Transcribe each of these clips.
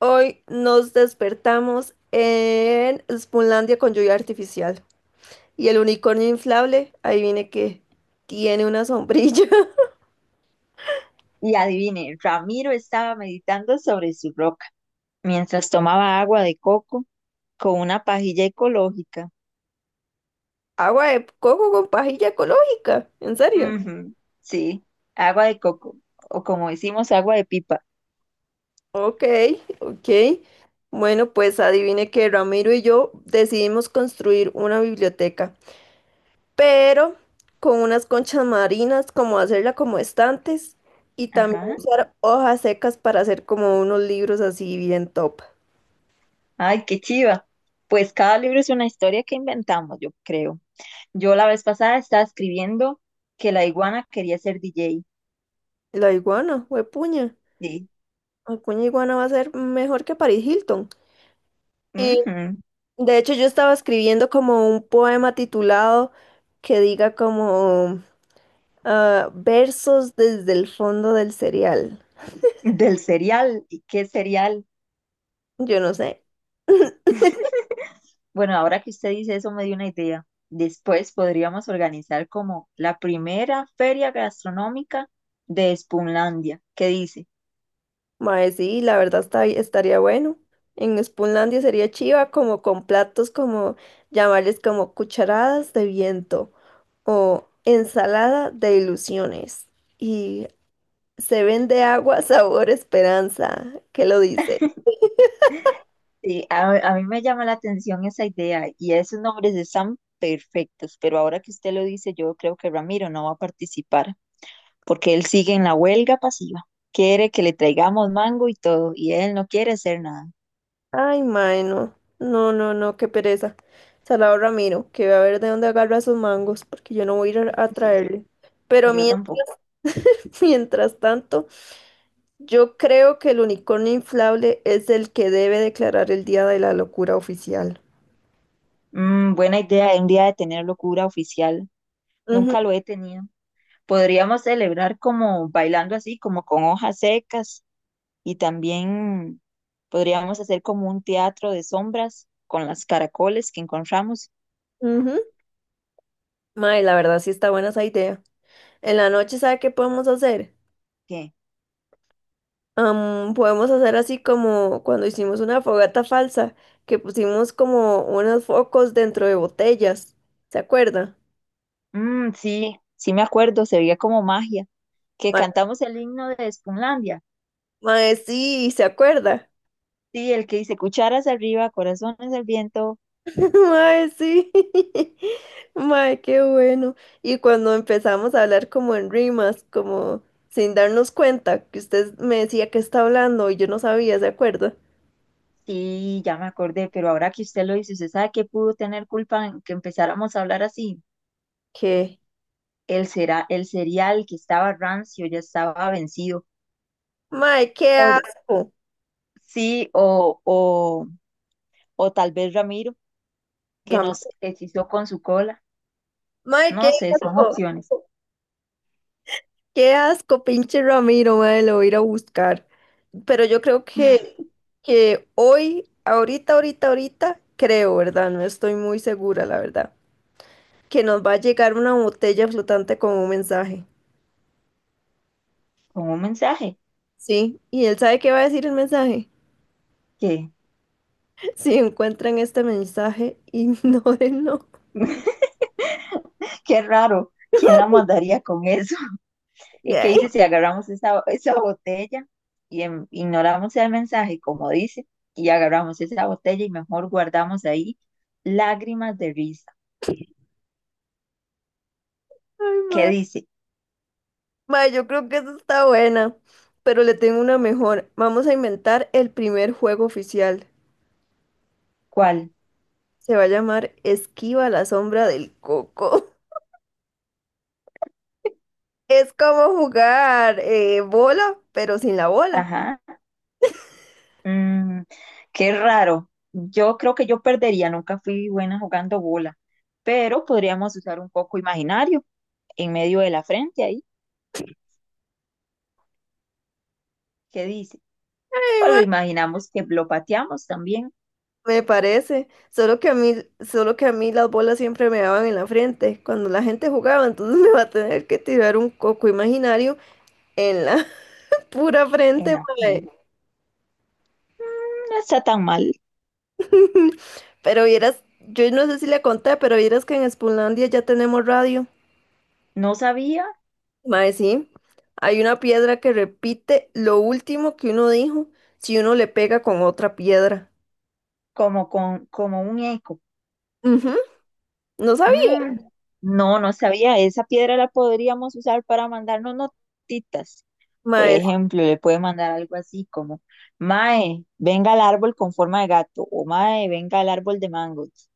Hoy nos despertamos en Spunlandia con lluvia artificial. Y el unicornio inflable, adivine que tiene una sombrilla. Y adivine, Ramiro estaba meditando sobre su roca mientras tomaba agua de coco con una pajilla ecológica. Agua de coco con pajilla ecológica. ¿En serio? Ujú, sí, agua de coco, o como decimos, agua de pipa. Ok, ok. Bueno, pues adivine que Ramiro y yo decidimos construir una biblioteca, pero con unas conchas marinas, como hacerla como estantes, y también Ajá, usar hojas secas para hacer como unos libros así bien top. ay, qué chiva. Pues cada libro es una historia que inventamos, yo creo. Yo la vez pasada estaba escribiendo que la iguana quería ser DJ. La iguana, huepuña. Sí, Acuña Iguana va a ser mejor que Paris Hilton. Y ujú, de hecho yo estaba escribiendo como un poema titulado que diga como versos desde el fondo del cereal. del cereal. ¿Y qué cereal? Yo no sé. Bueno, ahora que usted dice eso me dio una idea. Después podríamos organizar como la primera feria gastronómica de Spunlandia. ¿Qué dice? Mae, sí, la verdad estaría bueno. En Spoonlandia sería chiva como con platos como llamarles como cucharadas de viento o ensalada de ilusiones. Y se vende agua sabor esperanza. ¿Qué lo dice? Sí, a mí me llama la atención esa idea y esos nombres están perfectos, pero ahora que usted lo dice, yo creo que Ramiro no va a participar porque él sigue en la huelga pasiva. Quiere que le traigamos mango y todo y él no quiere hacer nada. Ay, mae, no. No, no, no, qué pereza. Salado Ramiro, que va a ver de dónde agarra sus mangos, porque yo no voy a ir a Sí, traerle. Pero yo mien- tampoco. Mientras tanto, yo creo que el unicornio inflable es el que debe declarar el día de la locura oficial. Mm, buena idea, un día de tener locura oficial. Ujú, Nunca lo he tenido. Podríamos celebrar como bailando así, como con hojas secas y también podríamos hacer como un teatro de sombras con las caracoles que encontramos. ujú. Mae, la verdad sí está buena esa idea. En la noche, ¿sabe qué podemos hacer? ¿Qué? Podemos hacer así como cuando hicimos una fogata falsa, que pusimos como unos focos dentro de botellas. ¿Se acuerda? Mm, sí, sí me acuerdo, se veía como magia, que Ma- cantamos el himno deSpunlandia. Mae, sí, ¿se acuerda? Sí, el que dice cucharas arriba, corazones al viento. Mae, sí. Mae, qué bueno. Y cuando empezamos a hablar como en rimas, como sin darnos cuenta, que usted me decía que está hablando y yo no sabía, ¿se acuerda? Sí, ya me acordé, pero ahora que usted lo dice, ¿usted sabe qué pudo tener culpa en que empezáramos a hablar así? ¿Qué? El cereal que estaba rancio ya estaba vencido. Mae, qué O, asco. sí, o tal vez Ramiro, que nos hechizó con su cola. Mae, qué No sé, son asco. opciones. Qué asco, pinche Ramiro, madre, lo voy a ir a buscar. Pero yo creo que hoy, ahorita, ahorita, ahorita, creo, ¿verdad? No estoy muy segura, la verdad, que nos va a llegar una botella flotante con un mensaje. Con un mensaje. Sí, y él sabe qué va a decir el mensaje. Qué, Si encuentran este mensaje, ignórenlo. qué raro. ¿Quién la mandaría con eso? ¿Y qué dice si agarramos esa botella y ignoramos el mensaje, como dice, y agarramos esa botella y mejor guardamos ahí lágrimas de risa? Ay, ¿Qué madre. dice? Madre, yo creo que eso está buena, pero le tengo una mejor. Vamos a inventar el primer juego oficial. ¿Cuál? Se va a llamar Esquiva la sombra del coco. Es como jugar bola, pero sin la bola. Ajá. Mm, qué raro. Yo creo que yo perdería, nunca fui buena jugando bola, pero podríamos usar un poco imaginario en medio de la frente ahí. ¿Qué dice? Ay, O ma, lo imaginamos que lo pateamos también. me parece. Solo que a mí, solo que a mí las bolas siempre me daban en la frente cuando la gente jugaba, entonces me va a tener que tirar un coco imaginario en la pura frente, No, mae. no está tan mal. Pero vieras, yo no sé si le conté, pero vieras que enSpunlandia ya tenemos radio. No sabía, Mae, sí, hay una piedra que repite lo último que uno dijo si uno le pega con otra piedra. como, con, como un eco. Ujú, no sabía. Mm, no, no sabía. Esa piedra la podríamos usar para mandarnos notitas. Por Mae, ejemplo, le puede mandar algo así como, Mae, venga al árbol con forma de gato o Mae, venga al árbol de mangos.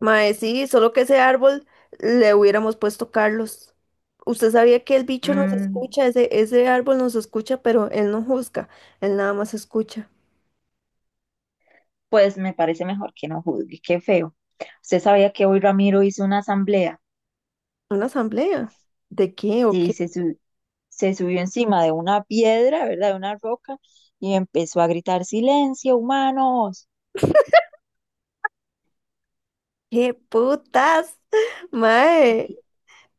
mae, sí, solo que ese árbol le hubiéramos puesto Carlos. Usted sabía que el bicho nos Mm, escucha, ese árbol nos escucha, pero él no juzga, él nada más escucha. pues me parece mejor que no juzgue, qué feo. Usted sabía que hoy Ramiro hizo una asamblea. ¿Una asamblea? ¿De qué o qué? Sí, se subió encima de una piedra, ¿verdad? De una roca, y empezó a gritar, silencio, humanos. ¿Qué putas? Mae.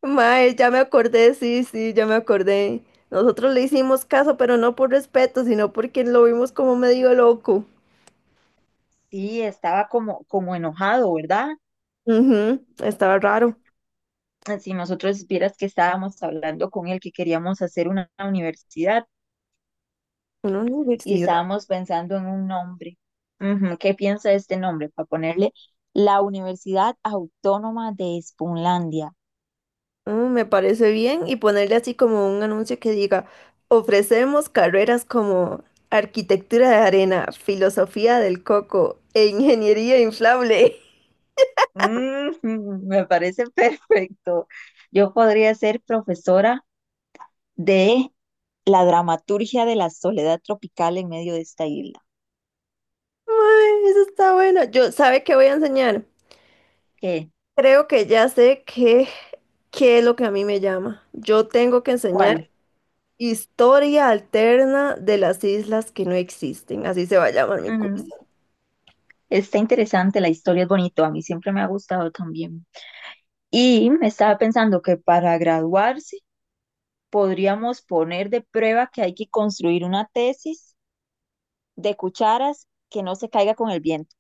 Mae, ya me acordé, sí, sí, ya me acordé. Nosotros le hicimos caso, pero no por respeto, sino porque lo vimos como medio loco. Sí, estaba como, como enojado, ¿verdad? Ujú, estaba raro. Si nosotros vieras que estábamos hablando con él, que queríamos hacer una universidad Una y universidad. estábamos pensando en un nombre. Ujú, ¿qué piensa de este nombre? Para ponerle la Universidad Autónoma de Espunlandia. Mm, me parece bien y ponerle así como un anuncio que diga, ofrecemos carreras como arquitectura de arena, filosofía del coco e ingeniería inflable. Ujú, me parece perfecto. Yo podría ser profesora de la dramaturgia de la soledad tropical en medio de esta isla. Mae, eso está bueno. Yo, ¿sabe qué voy a enseñar? ¿Qué? Creo que ya sé qué es lo que a mí me llama. Yo tengo que enseñar ¿Cuál? historia alterna de las islas que no existen, así se va a llamar mi Ujú. curso. Está interesante, la historia es bonito, a mí siempre me ha gustado también. Y estaba pensando que para graduarse podríamos poner de prueba que hay que construir una tesis de cucharas que no se caiga con el viento.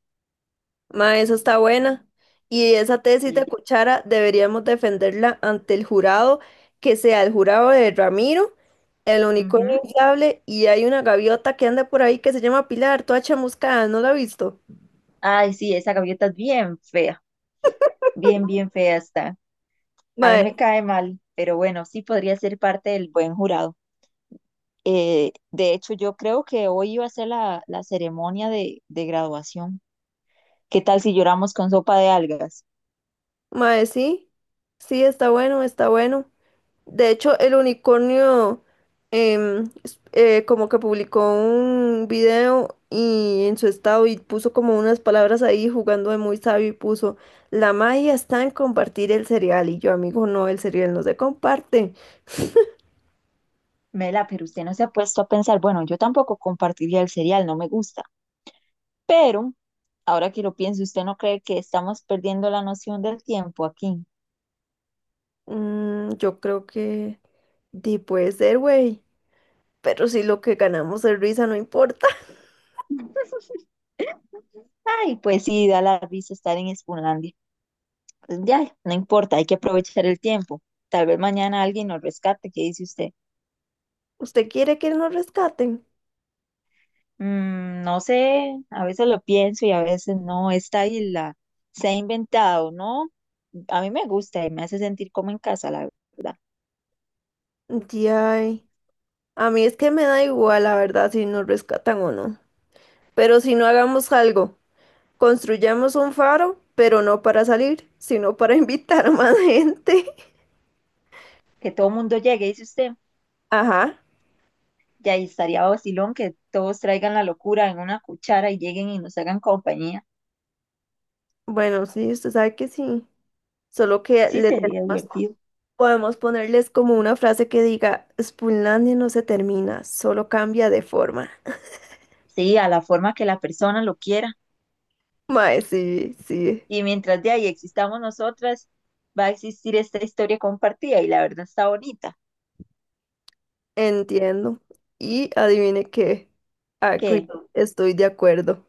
Ma, eso está buena. Y esa tesis de Sí. Cuchara deberíamos defenderla ante el jurado, que sea el jurado de Ramiro, el unicornio Ujú. inflable, y hay una gaviota que anda por ahí que se llama Pilar, toda chamuscada, ¿no la ha visto? Ay, sí, esa gaviota es bien fea, bien fea está. A mí Mae, me cae mal, pero bueno, sí podría ser parte del buen jurado. De hecho, yo creo que hoy iba a ser la ceremonia de graduación. ¿Qué tal si lloramos con sopa de algas? mae, sí, sí, está bueno, está bueno. De hecho, el unicornio como que publicó un video y en su estado y puso como unas palabras ahí jugando de muy sabio y puso, la magia está en compartir el cereal y yo, amigo, no, el cereal no se comparte. Mela, pero usted no se ha puesto a pensar, bueno, yo tampoco compartiría el cereal, no me gusta. Pero, ahora que lo pienso, ¿usted no cree que estamos perdiendo la noción del tiempo aquí? Mm, yo creo que di puede ser, güey, pero si lo que ganamos es risa, no importa. Ay, pues sí, da la risa estar en Spunlandia. Pues ya, no importa, hay que aprovechar el tiempo. Tal vez mañana alguien nos rescate, ¿qué dice usted? ¿Usted quiere que nos rescaten? Mm, no sé, a veces lo pienso y a veces no. Esta isla se ha inventado, ¿no? A mí me gusta y me hace sentir como en casa, la verdad. Ay, a mí es que me da igual, la verdad, si nos rescatan o no. Pero si no hagamos algo. Construyamos un faro, pero no para salir, sino para invitar a más gente. Que todo el mundo llegue, dice usted. Ajá. Y ahí estaría vacilón que todos traigan la locura en una cuchara y lleguen y nos hagan compañía. Bueno, sí, usted sabe que sí. Solo que Sí, le sería tenemos, divertido. podemos ponerles como una frase que diga, Spoonlandia no se termina, solo cambia de forma. Sí, a la forma que la persona lo quiera. Mae, sí, sí, Y mientras de ahí existamos nosotras, va a existir esta historia compartida y la verdad está bonita. entiendo. Y adivine qué. Agree, ¿Qué? estoy de acuerdo.